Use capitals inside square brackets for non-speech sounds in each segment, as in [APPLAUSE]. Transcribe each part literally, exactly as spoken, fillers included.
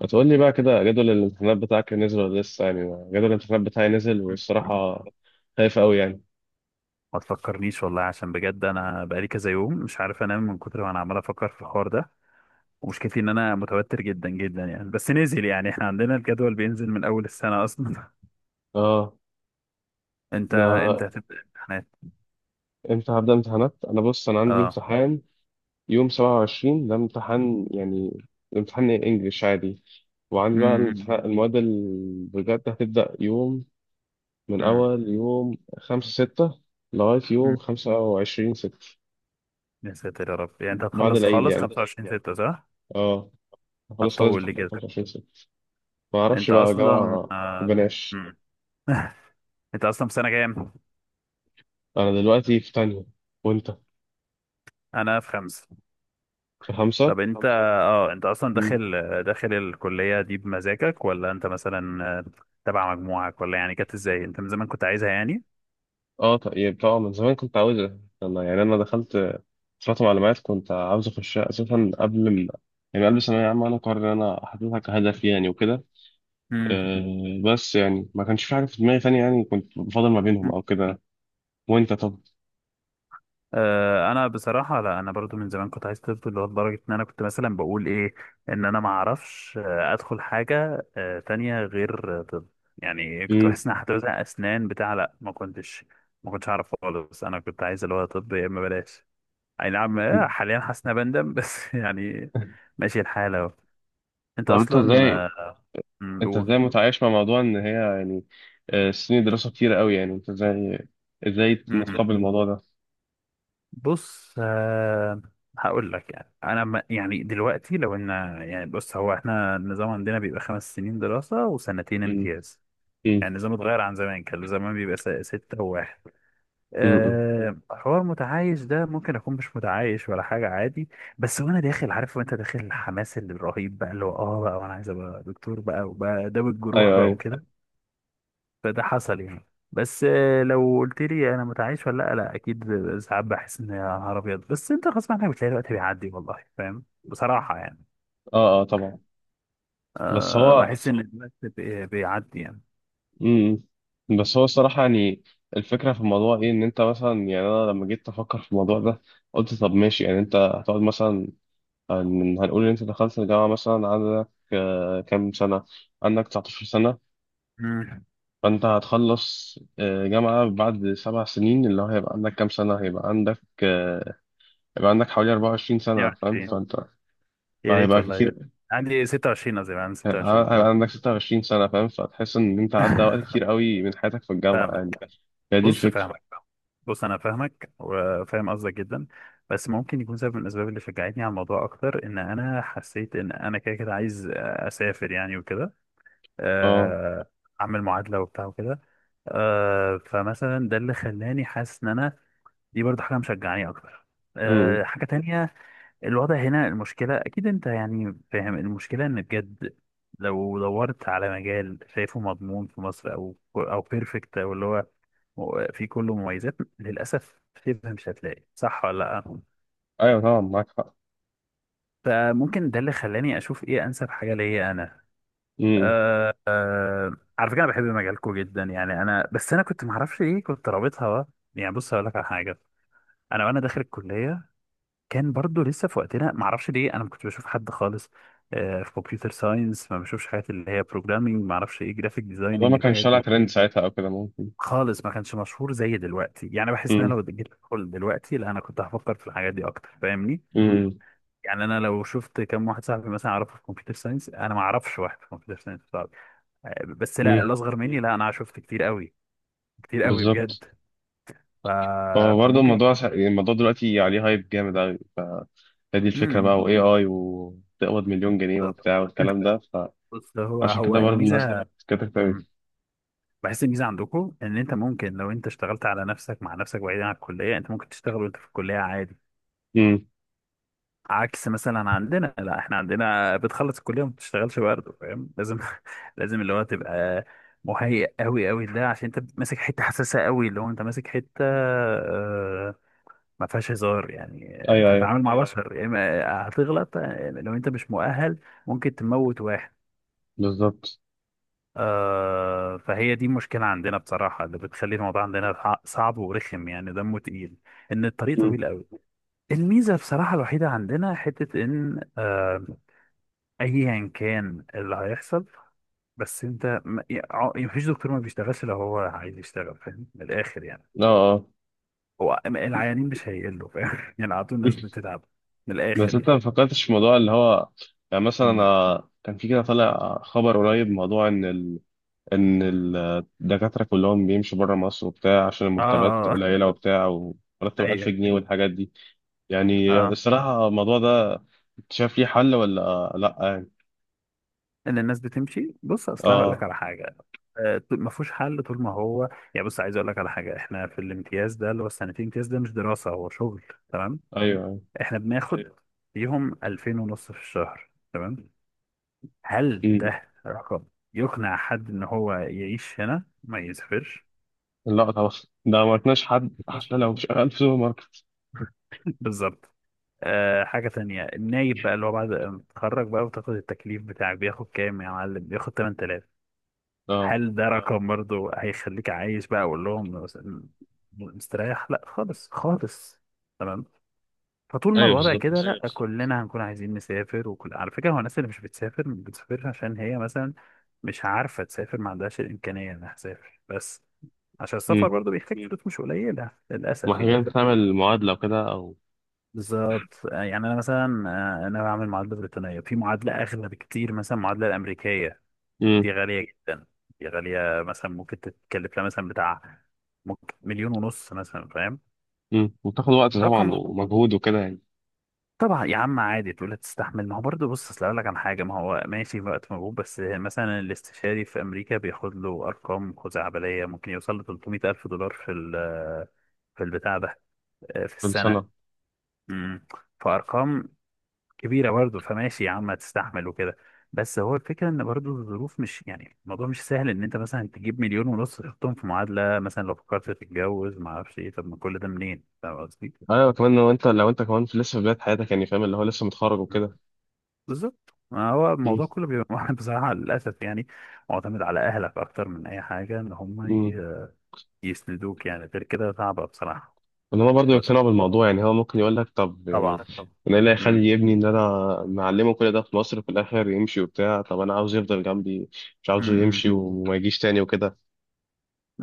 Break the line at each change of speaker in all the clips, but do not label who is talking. ما تقول لي بقى كده، جدول الامتحانات بتاعك نزل ولا لسه يعني؟ جدول الامتحانات بتاعي نزل، والصراحة خايف قوي يعني.
ما تفكرنيش والله. عشان بجد، انا بقالي كذا يوم مش عارف انام من كتر ما انا عمال افكر في الحوار ده. ومشكلتي ان انا متوتر جدا جدا يعني، بس نزل. يعني احنا عندنا الجدول بينزل من اول السنة اصلا.
اه.
[LAUGHS] انت انت
ده
هتبدأ امتحانات؟
امتى هبدأ امتحانات؟ انا بص انا عندي
اه. [LAUGHS]
امتحان يوم سبعة وعشرين، ده امتحان، يعني امتحان انجليش عادي. وعندي بقى
امم.
الامتحان، المواد اللي بجد هتبدأ يوم، من
امم.
اول يوم خمسة ستة لغاية يوم
أمم.
خمسة وعشرين ستة،
يا ساتر يا رب، يعني انت
بعد
هتخلص
العيد
خالص
يعني.
خمسة وعشرين ستة صح؟
اه، خلاص خلاص.
هتطول لي كده.
خمسة وعشرين ستة. ما اعرفش
انت
بقى،
اصلا
جامعة
آه.
بلاش.
أمم. انت اصلا في سنة كام؟
انا دلوقتي في تانية، وانت؟
انا في خمسة.
في خمسة.
طب انت طب اه انت اصلا
مم.
داخل؟ داخل الكلية دي بمزاجك ولا انت مثلا آه، تبع مجموعك، ولا يعني كانت ازاي؟ انت من زمان كنت عايزها يعني؟
اه، طيب طبعا، من زمان كنت عاوز. انا يعني انا دخلت فترة معلومات، كنت عاوز اخشها اساسا قبل ال... يعني قبل ثانوية عامة، انا قرر ان انا حاططها كهدف يعني وكده.
امم.
أه، بس يعني ما كانش في حاجة في دماغي تانية، يعني كنت بفضل ما بينهم او كده. وانت طب؟
آه، انا بصراحه لا، انا برضو من زمان كنت عايز طب، اللي هو لدرجه ان انا كنت مثلا بقول ايه، ان انا ما اعرفش آه، ادخل حاجه آه، تانية غير آه، طب. يعني كنت
مم.
بحس ان أنا هتوزع اسنان بتاع. لا، ما كنتش ما كنتش اعرف خالص. انا كنت عايز اللي هو طب يا اما بلاش. اي نعم. آه،
[LAUGHS]
حاليا حاسس إن أنا بندم [LAUGHS] بس يعني ماشي الحال اهو. انت
طب انت
اصلا اه
ازاي
آه، مم،
انت
قول.
ازاي متعايش مع موضوع ان هي، يعني آه، سنين دراسة كتيرة قوي يعني، انت ازاي ازاي
مم. بت-
متقبل الموضوع ده؟
بص. آه، هقول لك. يعني انا ما- يعني دلوقتي لو ان، يعني بص، هو احنا النظام عندنا بيبقى خمس سنين دراسة وسنتين
مم.
امتياز.
مم.
يعني النظام اتغير عن زمان، كان زمان بيبقى س- ستة وواحد.
مم.
أه حوار متعايش ده ممكن أكون مش متعايش ولا حاجة، عادي. بس وأنا داخل عارف، وأنت داخل الحماس اللي الرهيب بقى، اللي هو آه بقى وأنا عايز أبقى دكتور بقى وبقى داوي الجروح
ايوه
بقى،
ايوه.
فده حصل يعني. بس آه، لو قلت لي انا متعايش ولا لا، لا اكيد. ساعات بحس ان يا نهار ابيض، بس انت غصب عنك بتلاقي الوقت بيعدي. والله فاهم بصراحه يعني.
اه اه طبعا. بس
أه
هو
بحس ان أصلا الوقت بي- بيعدي يعني.
امم بس هو الصراحة يعني، الفكرة في الموضوع ايه؟ ان انت مثلا، يعني انا لما جيت افكر في الموضوع ده قلت طب ماشي، يعني انت هتقعد مثلا، هن- هنقول ان انت دخلت الجامعة مثلا، عندك آه، كام سنة، عندك تسعتاشر سنة.
امم.
فانت هتخلص آه، جامعة بعد سبع سنين، اللي هو هيبقى عندك كام سنة؟ هيبقى عندك آه، هيبقى عندك حوالي اربعة وعشرين سنة، فاهم؟
اتنين وعشرين طبعا.
فانت
يا ريت
فهيبقى
والله.
كتير،
عندي ستة وعشرين، قصدي عندي ستة وعشرين
هيبقى
اه.
عندك ستة وعشرين سنة، فاهم؟ فتحس إن أنت عدى وقت كتير
[LAUGHS]
قوي من حياتك في الجامعة يعني.
فاهمك.
هي دي
بص،
الفكرة.
فاهمك. بص انا فاهمك وفاهم قصدك جدا. بس ممكن يكون سبب من الاسباب اللي شجعتني على الموضوع اكتر، ان انا حسيت ان انا كده كده عايز اسافر يعني وكده.
اه.
آه، اعمل معادله وبتاع وكده. آه، فمثلا ده اللي خلاني حاسس ان انا دي برضه حاجه مشجعاني اكتر. آه،
امم.
حاجه تانية، الوضع هنا. المشكله اكيد انت يعني فاهم المشكله، ان بجد لو دورت على مجال شايفه مضمون في مصر، او او بيرفكت، او اللي هو في كله مميزات، للاسف شبه مش هتلاقي. صح ولا لا؟
ايوه طبعا، معاك حق.
فممكن ده اللي خلاني اشوف ايه انسب حاجه ليا انا.
امم.
آه آه على فكره، انا بحب مجالكم جدا يعني. انا بس انا كنت معرفش ليه كنت رابطها بقى. يعني بص هقول لك على حاجه. انا وانا داخل الكليه كان برضو لسه في وقتنا، معرفش ليه انا ما كنتش بشوف حد خالص آه في كمبيوتر ساينس. ما بشوفش حاجات اللي هي بروجرامينج، ما اعرفش ايه، جرافيك
والله
ديزايننج
ما كانش
الحاجات
طالع
دي.
ترند ساعتها او كده، ممكن.
خالص ما كانش مشهور زي دلوقتي. يعني بحس ان انا
امم.
لو جيت ادخل دلوقتي، لا انا كنت هفكر في الحاجات دي اكتر، فاهمني؟
امم.
يعني انا لو شفت كم واحد صاحبي مثلا اعرفه في كمبيوتر ساينس. انا ما اعرفش واحد في كمبيوتر ساينس، بس لا
امم.
الاصغر مني، لا انا شفت كتير قوي، كتير قوي
بالظبط.
بجد. ف...
هو برضه
فممكن.
الموضوع سا... يعني الموضوع دلوقتي عليه هايب جامد قوي، ف هي دي الفكرة
امم.
بقى، واي اي، وتقبض مليون جنيه
بالظبط.
وبتاع والكلام ده.
بص، هو
فعشان كده
هو
برضه الناس
الميزه.
كتبت قوي.
امم. بحس الميزه عندكم ان انت ممكن لو انت اشتغلت على نفسك، مع نفسك، بعيدا عن الكليه، انت ممكن تشتغل وانت في الكليه عادي.
امم.
عكس مثلا عندنا، لا احنا عندنا بتخلص الكليه وما بتشتغلش برضه، فاهم؟ لازم [LAUGHS] لازم اللي هو تبقى مهيئ قوي قوي، ده عشان انت ماسك حته حساسه قوي، اللي هو انت ماسك حته آه، ما فيهاش هزار يعني.
ايوه
انت
ايوه.
هتتعامل مع بشر، يا اما هتغلط. لو انت مش مؤهل ممكن تموت واحد.
بالظبط.
آه فهي دي مشكلة عندنا بصراحة، اللي بتخلي الموضوع عندنا ح- صعب ورخم، يعني دمه تقيل، ان الطريق
امم.
طويل قوي. الميزة بصراحة الوحيدة عندنا حتة، ان آه ايا كان اللي هيحصل، بس انت ما يع- مفيش دكتور ما بيشتغلش لو هو عايز يشتغل، فاهم؟ من الاخر يعني،
اه اه.
هو العيانين مش هيقلوا، فاهم [LAUGHS] يعني، على طول الناس
[LAUGHS]
بتتعب، من
بس
الاخر
انت
يعني.
ما فكرتش في موضوع اللي هو، يعني مثلا انا كان في كده طالع خبر قريب، موضوع ان ان الدكاتره كلهم بيمشوا بره مصر وبتاع، عشان
اه،
المرتبات
آه، آه.
قليله وبتاع، ومرتب 1000
ايوه،
جنيه والحاجات دي. يعني
اه.
الصراحه الموضوع ده، انت شايف ليه حل ولا لا يعني؟
ان الناس بتمشي، بص اصل أنا هقول لك
اه.
على حاجه. آه، طول- ما فيهوش حل طول ما هو، يعني بص عايز اقول لك على حاجه، احنا في الامتياز ده اللي هو السنتين امتياز ده مش دراسه، هو شغل، تمام؟
ايوه أيوة.
احنا بناخد ايوه فيهم ألفين ونص في الشهر. تمام؟ هل
مم.
ده رقم يقنع حد ان هو يعيش هنا ما يسافرش؟
لا طبعا، ده ما عرفناش حد حتى لو شغال في سوبر ماركت.
[LAUGHS] بالظبط. أه حاجة تانية، النايب بقى اللي هو بعد ما تتخرج بقى وتاخد التكليف بتاعك، بياخد كام يا معلم؟ بياخد ثمانية آلاف.
اه،
هل ده رقم برضه هيخليك عايش بقى؟ اقول لهم مس- مستريح؟ لا خالص خالص. تمام. فطول ما
ايوه
الوضع كده،
بالظبط.
لا كلنا هنكون عايزين نسافر. وكل على فكره، هو الناس اللي مش بتسافر مش بتسافرش عشان هي مثلا مش عارفه تسافر، ما عندهاش الامكانيه انها تسافر. بس عشان السفر
امم.
برضه بيحتاج فلوس مش قليله للاسف يعني.
محتاجين تعمل معادله وكده او...
بالظبط. آه، يعني انا مثلا آه، انا بعمل معادله بريطانيه. في معادله اغلى بكتير، مثلا المعادله الامريكيه دي
امم.
غالية جدا. دي غالية، مثلا ممكن تتكلف لها مثلا بتاع، ممكن مليون ونص مثلا، فاهم؟
امم وتاخد وقت طبعا
رقم.
ومجهود وكده يعني.
طبعا يا عم عادي، تقول هتستحمل. ما هو برضه بص اصل اقول لك عن حاجة، ما هو ماشي وقت مجهود، بس مثلا الاستشاري في امريكا بياخد له ارقام خزعبلية، ممكن يوصل ل ثلاثمية الف دولار في ال- في البتاع ده، آه، في
كل
السنة.
سنه.
امم. فارقام كبيرة برضه، فماشي يا عم هتستحمل وكده. بس هو الفكرة ان برضه الظروف مش يعني الموضوع مش سهل، ان انت مثلا تجيب مليون ونص تحطهم في معادلة مثلا. لو فكرت تتجوز، ما اعرفش ايه، طب ما كل ده منين، فاهم قصدي؟
ايوه، كمان لو انت لو انت كمان في لسه في بدايه حياتك يعني، فاهم؟ اللي هو لسه متخرج
مم.
وكده.
بالظبط. ما هو
مم.
الموضوع كله بيبقى [LAUGHS] بصراحة للأسف يعني معتمد على أهلك أكتر من أي حاجة، إن هم
مم.
ي- يسندوك، يعني غير كده صعبة بصراحة.
ان هو برضه
بس
يقتنعوا بالموضوع، يعني هو ممكن يقول لك طب يعني،
طبعا.
انا ايه اللي
مم.
هيخلي ابني ان انا معلمه كل ده في مصر في الاخر يمشي وبتاع؟ طب انا عاوزه يفضل جنبي، مش عاوزه
مم.
يمشي وما يجيش تاني وكده.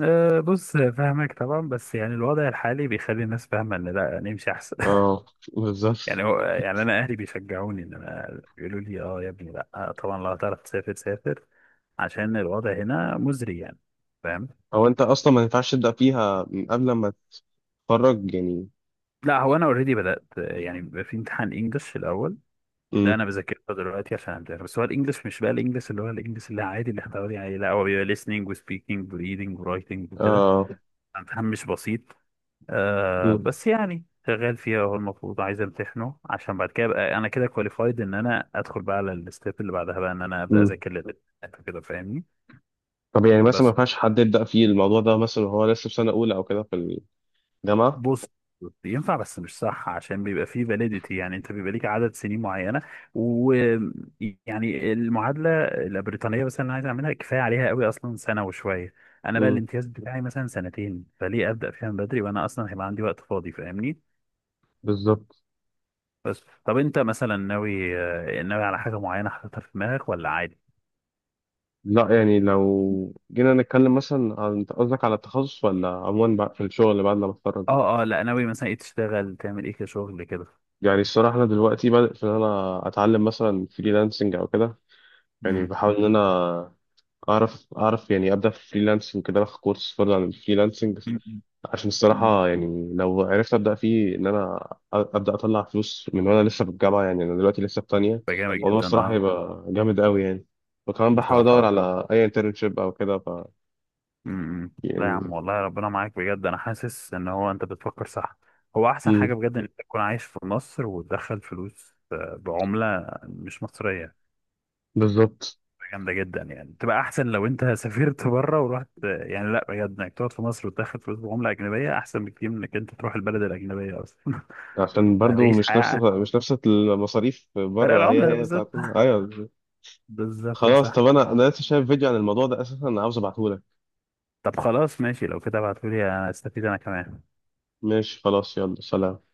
أه بص فاهمك طبعا، بس يعني الوضع الحالي بيخلي الناس فاهمة إن لا نمشي أحسن.
اه. بالظبط.
يعني هو، يعني انا اهلي بيشجعوني، ان انا بيقولوا لي اه يا ابني لا طبعا لو هتعرف تسافر سافر، عشان الوضع هنا مزري يعني، فاهم؟
او انت اصلا ما ينفعش تبدا فيها من قبل ما تتخرج يعني؟
لا هو انا اوريدي بدات يعني، بيبقى في امتحان انجلش الاول، ده
امم.
انا بذاكره دلوقتي عشان امتحن. بس هو الانجلش مش بقى الانجلش، اللي هو الانجلش اللي عادي اللي احنا متعودين عليه، لا هو بيبقى listening و speaking و reading و writing وكده.
اه.
امتحان مش بسيط. آه
امم.
بس يعني شغال فيها، هو المفروض عايز امتحنه عشان بعد كده ابقى انا كده كواليفايد، ان انا ادخل بقى على الستيب اللي بعدها بقى، ان انا ابدا
امم.
اذاكر للامتحان كده، فاهمني؟
طب يعني مثلا ما
بس
ينفعش حد يبدا فيه الموضوع ده مثلا وهو لسه في سنه اولى او كده في الجامعه؟
بص، ينفع بس مش صح، عشان بيبقى فيه فاليديتي، يعني انت بيبقى ليك عدد سنين معينه. ويعني المعادله البريطانيه مثلا انا عايز اعملها، كفايه عليها قوي اصلا سنه وشويه. انا بقى
امم.
الامتياز بتاعي مثلا سنتين، فليه ابدا فيها من بدري وانا اصلا هيبقى عندي وقت فاضي، فاهمني؟
بالظبط.
بس طب انت مثلا ناوي آه، ناوي على حاجه معينه حاططها في دماغك ولا عادي؟
لا، يعني لو جينا نتكلم مثلا عن، انت قصدك على التخصص ولا عموما بقى في الشغل بعد ما اتخرج؟
اه اه لا، ناوي مثلا ايه، تشتغل تعمل ايه كشغل كده؟
يعني الصراحه انا دلوقتي بدات ان انا اتعلم مثلا فريلانسنج او كده. يعني
امم.
بحاول ان انا اعرف اعرف يعني ابدا في الفريلانسنج كده، اخد كورس فرض عن الفريلانسنج.
مم.
عشان
مم.
الصراحه يعني لو عرفت ابدا فيه، ان انا ابدا اطلع فلوس من وانا لسه في الجامعه، يعني انا دلوقتي لسه في تانية.
ده جامد طيب
الموضوع
جدا
الصراحه
اه.
هيبقى جامد قوي يعني. وكمان بحاول
بصراحه.
ادور على اي انترنشيب او كده، ف
امم، لا يا
يعني.
عم والله ربنا معاك بجد، انا حاسس ان هو انت بتفكر صح. هو احسن حاجه
مم.
بجد ان انت تكون عايش في مصر وتدخل فلوس آه، بعمله مش مصريه.
بالظبط.
جامدة جدا يعني، تبقى أحسن لو أنت سافرت بره ورحت يعني. لا بجد، إنك تقعد في مصر وتاخد فلوس بعملة أجنبية أحسن بكتير من إنك أنت تروح البلد الأجنبية أصلا.
عشان
[LAUGHS]
برضو
هتعيش
مش نفس
حياة.
مش نفس المصاريف
فرق
بره، هي
العملة
هي
بالظبط.
بتاعتنا، ايوه.
بالظبط
خلاص، طب
صح.
انا انا لسه شايف فيديو عن الموضوع ده اساسا، انا عاوز ابعته لك.
طب خلاص ماشي لو كده ابعتولي، أستفيد أنا كمان.
ماشي، خلاص، يلا سلام.